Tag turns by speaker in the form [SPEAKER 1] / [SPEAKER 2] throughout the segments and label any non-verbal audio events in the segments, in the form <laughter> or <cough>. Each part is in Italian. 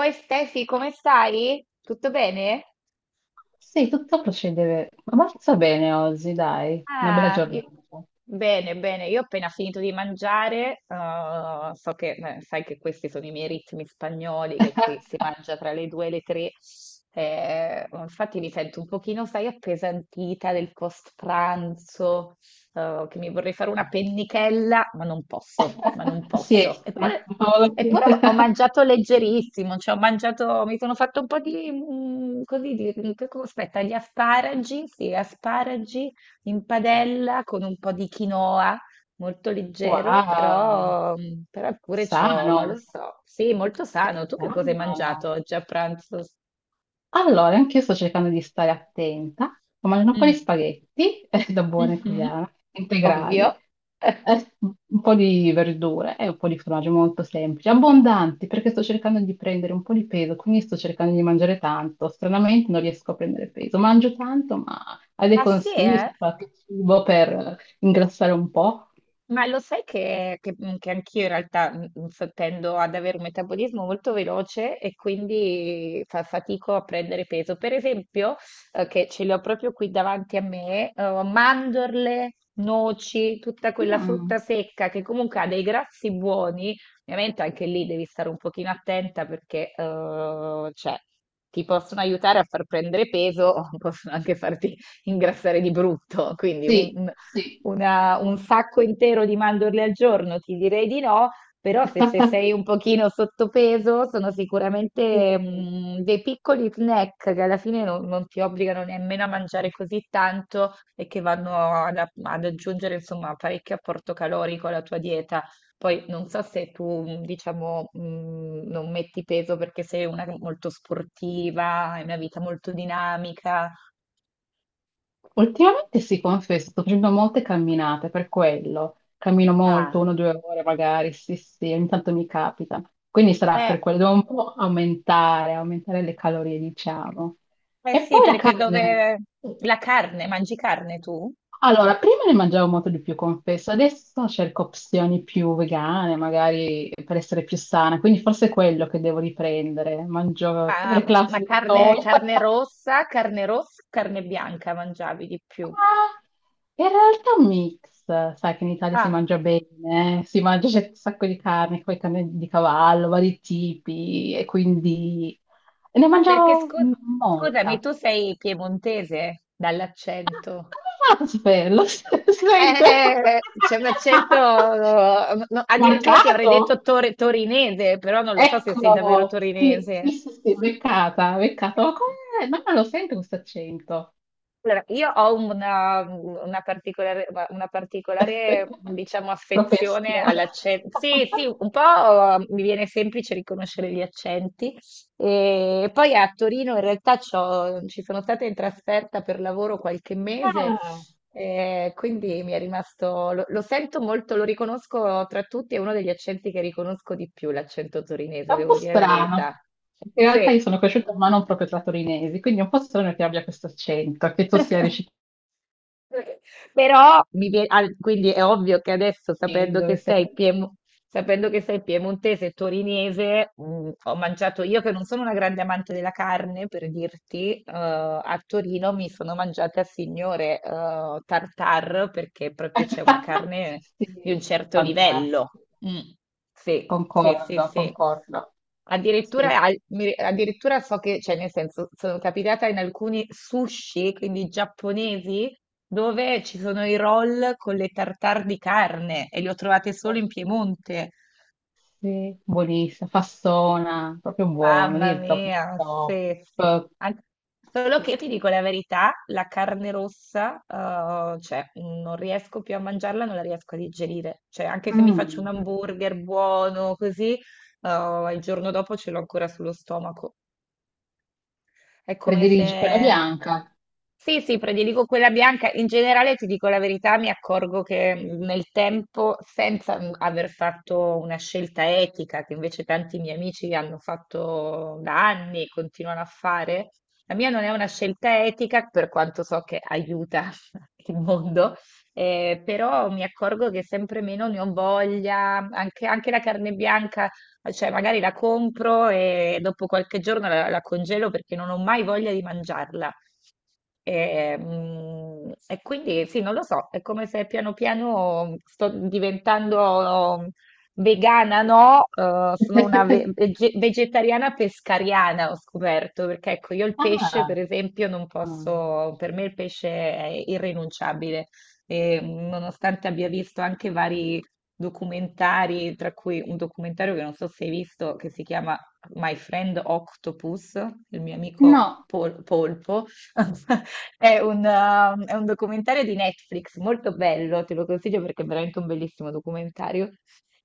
[SPEAKER 1] Oi Stefi, come stai? Tutto bene?
[SPEAKER 2] Sì, tutto procede abbastanza bene oggi, dai, una bella
[SPEAKER 1] Ah, i-
[SPEAKER 2] giornata.
[SPEAKER 1] bene, bene, io ho appena finito di mangiare, sai che questi sono i miei ritmi spagnoli, che qui si mangia tra le due e le tre, oh, infatti mi sento un pochino, sai, appesantita del post pranzo, che mi vorrei fare una pennichella, ma non posso, ma non
[SPEAKER 2] <laughs>
[SPEAKER 1] posso.
[SPEAKER 2] Siesta,
[SPEAKER 1] Eppure,
[SPEAKER 2] cavolo, sì.
[SPEAKER 1] eppure
[SPEAKER 2] <laughs>
[SPEAKER 1] ho mangiato leggerissimo, cioè ho mangiato, mi sono fatto un po' di, così, aspetta, gli asparagi, sì, asparagi in padella con un po' di quinoa, molto leggero,
[SPEAKER 2] Wow,
[SPEAKER 1] però pure ciò, non lo
[SPEAKER 2] sano,
[SPEAKER 1] so. Sì, molto
[SPEAKER 2] che
[SPEAKER 1] sano. Tu che cosa hai mangiato
[SPEAKER 2] sano.
[SPEAKER 1] oggi a pranzo?
[SPEAKER 2] Allora, anche io sto cercando di stare attenta, ho mangiato un po'
[SPEAKER 1] Mm.
[SPEAKER 2] di spaghetti, <laughs> da buona
[SPEAKER 1] Mhm.
[SPEAKER 2] italiana,
[SPEAKER 1] Ovvio.
[SPEAKER 2] integrali.
[SPEAKER 1] <laughs>
[SPEAKER 2] Un po' di verdure e un po' di formaggio molto semplici, abbondanti, perché sto cercando di prendere un po' di peso, quindi sto cercando di mangiare tanto. Stranamente non riesco a prendere peso. Mangio tanto, ma hai dei
[SPEAKER 1] Ah sì,
[SPEAKER 2] consigli
[SPEAKER 1] eh?
[SPEAKER 2] su qualche cibo per ingrassare un po'?
[SPEAKER 1] Ma lo sai che anch'io in realtà tendo ad avere un metabolismo molto veloce e quindi fa fatico a prendere peso. Per esempio, che ce le ho proprio qui davanti a me, mandorle, noci, tutta quella
[SPEAKER 2] Mm,
[SPEAKER 1] frutta secca che comunque ha dei grassi buoni. Ovviamente anche lì devi stare un pochino attenta perché cioè, ti possono aiutare a far prendere peso, <laughs> possono anche farti ingrassare di brutto, quindi
[SPEAKER 2] sì, sì.
[SPEAKER 1] un sacco intero di mandorle al giorno, ti direi di no, però se sei un
[SPEAKER 2] <laughs>
[SPEAKER 1] pochino sottopeso sono
[SPEAKER 2] Sì.
[SPEAKER 1] sicuramente dei piccoli snack che alla fine non ti obbligano nemmeno a mangiare così tanto e che vanno ad aggiungere insomma parecchio apporto calorico alla tua dieta. Poi non so se tu, diciamo, non metti peso perché sei una molto sportiva, hai una vita molto dinamica.
[SPEAKER 2] Ultimamente sì, confesso, sto facendo molte camminate per quello. Cammino molto, una
[SPEAKER 1] Ah.
[SPEAKER 2] o due ore magari, sì, sì, ogni tanto mi capita. Quindi sarà
[SPEAKER 1] eh,
[SPEAKER 2] per quello, devo un po' aumentare le calorie, diciamo.
[SPEAKER 1] Eh
[SPEAKER 2] E
[SPEAKER 1] sì,
[SPEAKER 2] poi la
[SPEAKER 1] perché
[SPEAKER 2] carne.
[SPEAKER 1] dove la carne, mangi carne tu?
[SPEAKER 2] Allora, prima ne mangiavo molto di più, confesso, adesso cerco opzioni più vegane, magari per essere più sana, quindi forse è quello che devo riprendere. Mangio
[SPEAKER 1] Ma,
[SPEAKER 2] le
[SPEAKER 1] ma
[SPEAKER 2] classiche
[SPEAKER 1] carne,
[SPEAKER 2] soia. <laughs>
[SPEAKER 1] carne rossa, carne bianca mangiavi di più?
[SPEAKER 2] Ma in realtà un mix, sai che in Italia si
[SPEAKER 1] Ah,
[SPEAKER 2] mangia bene, si mangia c'è un sacco di carne, poi carne di cavallo, vari tipi, e quindi ne
[SPEAKER 1] perché
[SPEAKER 2] mangiavo
[SPEAKER 1] scusami,
[SPEAKER 2] molta.
[SPEAKER 1] tu sei piemontese dall'accento.
[SPEAKER 2] Come fate a saperlo? <laughs> Si sente?
[SPEAKER 1] C'è un accento, no,
[SPEAKER 2] <laughs>
[SPEAKER 1] addirittura ti avrei detto
[SPEAKER 2] Marcato?
[SPEAKER 1] torinese, però non lo so se sei davvero
[SPEAKER 2] Eccolo! Sì,
[SPEAKER 1] torinese.
[SPEAKER 2] sì, sì, sì, beccata, beccata. Ma come? No, non lo sento questo accento.
[SPEAKER 1] Allora, io ho una particolare, diciamo,
[SPEAKER 2] <laughs>
[SPEAKER 1] affezione
[SPEAKER 2] Propensione.
[SPEAKER 1] all'accento. Sì, sì, un po' mi viene semplice riconoscere gli accenti. E poi a Torino in realtà ci sono stata in trasferta per lavoro qualche mese,
[SPEAKER 2] <laughs>
[SPEAKER 1] quindi mi è rimasto, lo sento molto, lo riconosco tra tutti, è uno degli accenti che riconosco di più, l'accento
[SPEAKER 2] È
[SPEAKER 1] torinese,
[SPEAKER 2] un po'
[SPEAKER 1] devo dire la verità.
[SPEAKER 2] strano. In realtà
[SPEAKER 1] Sì.
[SPEAKER 2] io sono cresciuta ma non proprio tra torinesi, quindi è un po' strano che abbia questo accento, che tu sia
[SPEAKER 1] <laughs>
[SPEAKER 2] riuscito
[SPEAKER 1] Però quindi è ovvio che adesso,
[SPEAKER 2] di dove sei.
[SPEAKER 1] sapendo che sei piemontese e torinese, ho mangiato io che non sono una grande amante della carne, per dirti, a Torino mi sono mangiata signore tartar perché proprio c'è una
[SPEAKER 2] <laughs>
[SPEAKER 1] carne di un
[SPEAKER 2] Sì,
[SPEAKER 1] certo
[SPEAKER 2] fantastico.
[SPEAKER 1] livello. Mm. Sì, sì, sì,
[SPEAKER 2] Concordo,
[SPEAKER 1] sì.
[SPEAKER 2] concordo. Sì,
[SPEAKER 1] Addirittura, so che, cioè nel senso, sono capitata in alcuni sushi, quindi giapponesi, dove ci sono i roll con le tartare di carne e li ho trovate solo in Piemonte.
[SPEAKER 2] sì, buonissimo, fassona, proprio buono, lì
[SPEAKER 1] Mamma
[SPEAKER 2] il top, del
[SPEAKER 1] mia, sì, sì.
[SPEAKER 2] top.
[SPEAKER 1] Solo che io
[SPEAKER 2] Sì.
[SPEAKER 1] ti dico la verità, la carne rossa, cioè, non riesco più a mangiarla, non la riesco a digerire. Cioè, anche se mi faccio un
[SPEAKER 2] Mm,
[SPEAKER 1] hamburger buono, così, il giorno dopo ce l'ho ancora sullo stomaco. È come
[SPEAKER 2] prediligi quella
[SPEAKER 1] se.
[SPEAKER 2] bianca.
[SPEAKER 1] Sì, sì, prediligo quella bianca. In generale, ti dico la verità, mi accorgo che nel tempo, senza aver fatto una scelta etica, che invece tanti miei amici hanno fatto da anni e continuano a fare, la mia non è una scelta etica, per quanto so che aiuta <laughs> il mondo, però mi accorgo che sempre meno ne ho voglia, anche, anche la carne bianca, cioè magari la compro e dopo qualche giorno la congelo perché non ho mai voglia di mangiarla. E quindi sì, non lo so, è come se piano piano sto diventando vegana, no? Sono una vegetariana pescariana, ho scoperto, perché ecco, io il pesce, per
[SPEAKER 2] Ah,
[SPEAKER 1] esempio, non
[SPEAKER 2] mm.
[SPEAKER 1] posso, per me il pesce è irrinunciabile. E, nonostante abbia visto anche vari documentari, tra cui un documentario che non so se hai visto, che si chiama My Friend Octopus, il mio amico
[SPEAKER 2] No,
[SPEAKER 1] polpo. <laughs> È un documentario di Netflix molto bello, te lo consiglio perché è veramente un bellissimo documentario,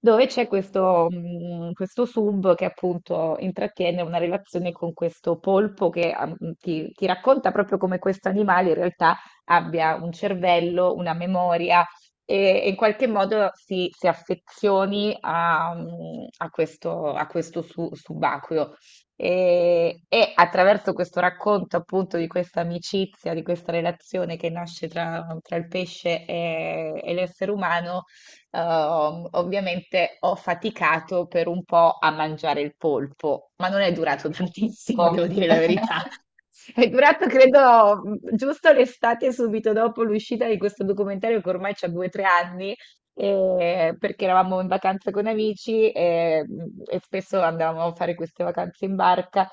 [SPEAKER 1] dove c'è questo sub che appunto intrattiene una relazione con questo polpo che ti racconta proprio come questo animale in realtà abbia un cervello, una memoria e in qualche modo si affezioni a questo subacqueo. E attraverso questo racconto appunto di questa amicizia, di questa relazione che nasce tra il pesce e l'essere umano, ovviamente ho faticato per un po' a mangiare il polpo, ma non è durato
[SPEAKER 2] ti capisco.
[SPEAKER 1] tantissimo, <laughs> devo dire la verità. <laughs> È durato, credo, giusto l'estate subito dopo l'uscita di questo documentario che ormai c'ha due o tre anni, perché eravamo in vacanza con amici e, spesso andavamo a fare queste vacanze in barca.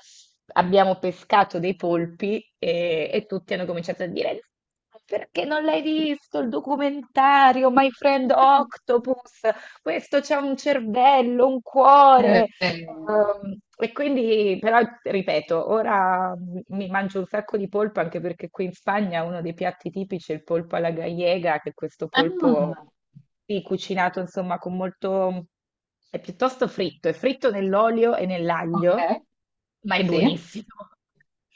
[SPEAKER 1] Abbiamo pescato dei polpi e tutti hanno cominciato a dire: "No, perché non l'hai visto il documentario My Friend
[SPEAKER 2] <laughs>
[SPEAKER 1] Octopus? Questo c'ha un cervello, un cuore."
[SPEAKER 2] Eh,
[SPEAKER 1] E quindi, però, ripeto, ora mi mangio un sacco di polpo anche perché qui in Spagna uno dei piatti tipici è il polpo alla gallega, che è questo polpo
[SPEAKER 2] ah,
[SPEAKER 1] sì, cucinato insomma con molto. È piuttosto fritto, è fritto nell'olio e nell'aglio,
[SPEAKER 2] ok,
[SPEAKER 1] ma è
[SPEAKER 2] sì.
[SPEAKER 1] buonissimo. <laughs>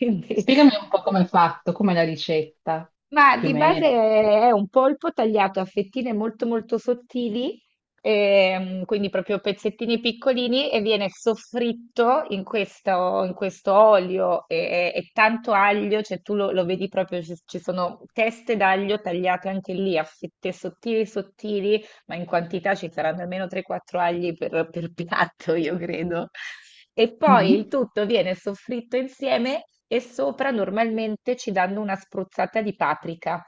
[SPEAKER 1] Quindi
[SPEAKER 2] Spiegami un po' come è fatto, come è la ricetta,
[SPEAKER 1] ma
[SPEAKER 2] più o
[SPEAKER 1] di base
[SPEAKER 2] meno.
[SPEAKER 1] è un polpo tagliato a fettine molto molto sottili, quindi proprio pezzettini piccolini e viene soffritto in questo olio e tanto aglio, cioè tu lo, lo vedi proprio, ci sono teste d'aglio tagliate anche lì a fette sottili sottili ma in quantità ci saranno almeno 3-4 agli per piatto, io credo. E poi il
[SPEAKER 2] Mhm.
[SPEAKER 1] tutto viene soffritto insieme e sopra normalmente ci danno una spruzzata di paprika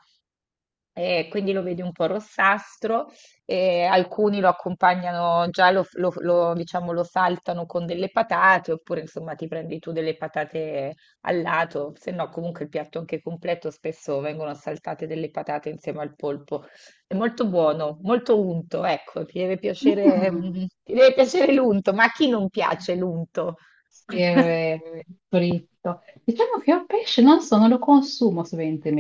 [SPEAKER 1] e quindi lo vedi un po' rossastro, e alcuni lo accompagnano già, diciamo, lo saltano con delle patate, oppure insomma ti prendi tu delle patate al lato, se no comunque il piatto anche completo spesso vengono saltate delle patate insieme al polpo. È molto buono, molto unto, ecco, ti deve piacere,
[SPEAKER 2] Mm.
[SPEAKER 1] ti deve piacere l'unto, ma a chi non piace l'unto?
[SPEAKER 2] Sì, è
[SPEAKER 1] <laughs>
[SPEAKER 2] vero, è fritto. Diciamo che io pesce non so, non lo consumo sovente,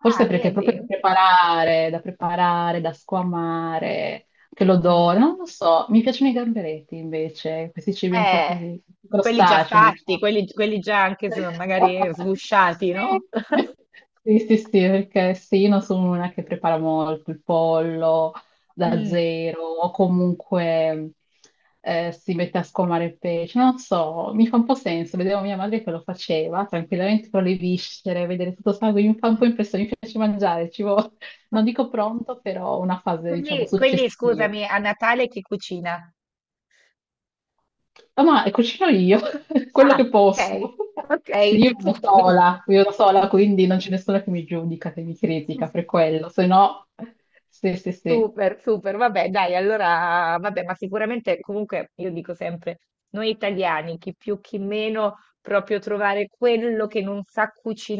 [SPEAKER 2] forse
[SPEAKER 1] Ah,
[SPEAKER 2] perché è proprio da
[SPEAKER 1] vedi?
[SPEAKER 2] preparare, da preparare, da squamare, che l'odore,
[SPEAKER 1] Mm.
[SPEAKER 2] non lo so. Mi piacciono i gamberetti invece, questi cibi un po'
[SPEAKER 1] Eh,
[SPEAKER 2] così,
[SPEAKER 1] quelli già
[SPEAKER 2] crostacei,
[SPEAKER 1] fatti,
[SPEAKER 2] diciamo.
[SPEAKER 1] quelli già anche magari
[SPEAKER 2] <laughs>
[SPEAKER 1] sgusciati, no?
[SPEAKER 2] Sì.
[SPEAKER 1] <laughs>
[SPEAKER 2] Sì, sì, sì, perché sì, io non sono una che prepara molto il pollo, da
[SPEAKER 1] Mm.
[SPEAKER 2] zero o comunque si mette a scolmare il pesce. Non so, mi fa un po' senso. Vedevo mia madre che lo faceva tranquillamente con le viscere, vedere tutto sangue, mi fa un po' impressione, mi piace mangiare, <laughs> non dico pronto, però una fase, diciamo,
[SPEAKER 1] Quindi,
[SPEAKER 2] successiva.
[SPEAKER 1] scusami, a Natale chi cucina?
[SPEAKER 2] Ah, ma cucino io, <laughs> quello
[SPEAKER 1] Ah,
[SPEAKER 2] che
[SPEAKER 1] ok,
[SPEAKER 2] posso. <laughs>
[SPEAKER 1] ok.
[SPEAKER 2] Sì, io vivo da sola, quindi non c'è nessuno che mi giudica, che mi critica per
[SPEAKER 1] <laughs>
[SPEAKER 2] quello, se no... Sì, sì, sì.
[SPEAKER 1] Super, super, vabbè, dai, allora, vabbè, ma sicuramente comunque io dico sempre, noi italiani, chi più chi meno, proprio trovare quello che non sa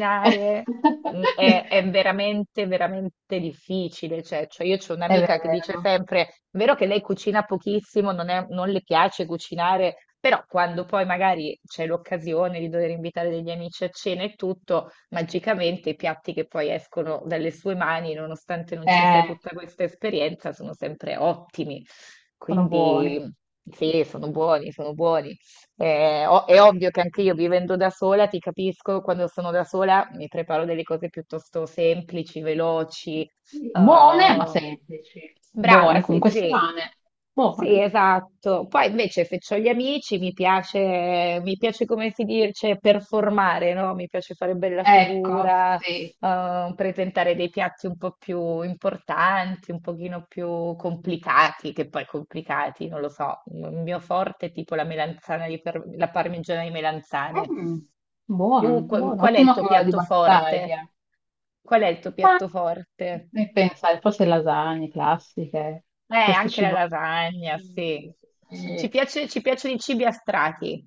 [SPEAKER 2] <laughs> È
[SPEAKER 1] è veramente, veramente difficile. Cioè, io ho un'amica che dice
[SPEAKER 2] vero.
[SPEAKER 1] sempre, è vero che lei cucina pochissimo, non le piace cucinare, però quando poi magari c'è l'occasione di dover invitare degli amici a cena e tutto magicamente i piatti che poi escono dalle sue mani, nonostante non ci sia
[SPEAKER 2] Eh,
[SPEAKER 1] tutta questa esperienza, sono sempre ottimi.
[SPEAKER 2] sono buoni.
[SPEAKER 1] Quindi sì, sono buoni, sono buoni. O- è ovvio che anche io vivendo da sola, ti capisco, quando sono da sola mi preparo delle cose piuttosto semplici, veloci, eh,
[SPEAKER 2] Buone, ma semplici.
[SPEAKER 1] brava,
[SPEAKER 2] Buone,
[SPEAKER 1] sì,
[SPEAKER 2] comunque
[SPEAKER 1] sì.
[SPEAKER 2] strane.
[SPEAKER 1] Sì,
[SPEAKER 2] Buone.
[SPEAKER 1] esatto. Poi invece se ho gli amici mi piace come si dice, performare, no? Mi piace fare bella
[SPEAKER 2] Ecco,
[SPEAKER 1] figura,
[SPEAKER 2] sì.
[SPEAKER 1] presentare dei piatti un po' più importanti, un pochino più complicati, che poi complicati, non lo so. Il mio forte è tipo la melanzana di par- la parmigiana di melanzane.
[SPEAKER 2] Mm,
[SPEAKER 1] Tu,
[SPEAKER 2] buono,
[SPEAKER 1] qu-
[SPEAKER 2] buono.
[SPEAKER 1] qual è il
[SPEAKER 2] Ottimo
[SPEAKER 1] tuo
[SPEAKER 2] cavallo di
[SPEAKER 1] piatto forte?
[SPEAKER 2] battaglia.
[SPEAKER 1] Qual è il tuo
[SPEAKER 2] Ma
[SPEAKER 1] piatto forte?
[SPEAKER 2] e pensare, forse lasagne classiche, questo
[SPEAKER 1] Anche la
[SPEAKER 2] cibo.
[SPEAKER 1] lasagna,
[SPEAKER 2] Mm,
[SPEAKER 1] sì. Ci
[SPEAKER 2] sì.
[SPEAKER 1] piace, ci piacciono i cibi a strati.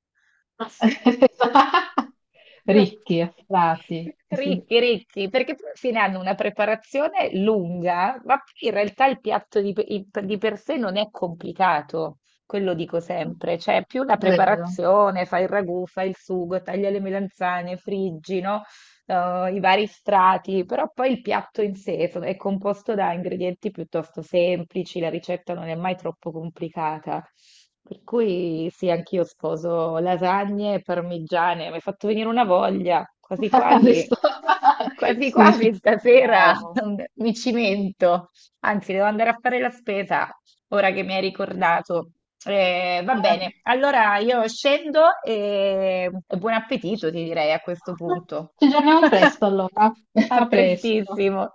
[SPEAKER 2] <laughs> Ricchi, affrati,
[SPEAKER 1] Ricchi, ricchi, perché poi alla fine hanno una preparazione lunga, ma poi in realtà il piatto di per sé non è complicato, quello dico sempre, cioè è più la
[SPEAKER 2] è vero.
[SPEAKER 1] preparazione, fai il ragù, fai il sugo, taglia le melanzane, friggi, no? Eh, i vari strati, però poi il piatto in sé è composto da ingredienti piuttosto semplici, la ricetta non è mai troppo complicata. Per cui sì, anch'io sposo lasagne e parmigiane, mi hai fatto venire una voglia, quasi
[SPEAKER 2] <laughs>
[SPEAKER 1] quasi,
[SPEAKER 2] Adesso- <laughs>
[SPEAKER 1] quasi
[SPEAKER 2] sì, ci-
[SPEAKER 1] quasi stasera
[SPEAKER 2] no.
[SPEAKER 1] <laughs> mi cimento, anzi devo andare a fare la spesa ora che mi hai ricordato. Va
[SPEAKER 2] Ah,
[SPEAKER 1] bene, allora io scendo e buon appetito, ti direi a questo punto.
[SPEAKER 2] ci aggiorniamo presto
[SPEAKER 1] <laughs>
[SPEAKER 2] allora. <laughs>
[SPEAKER 1] A
[SPEAKER 2] A presto.
[SPEAKER 1] prestissimo.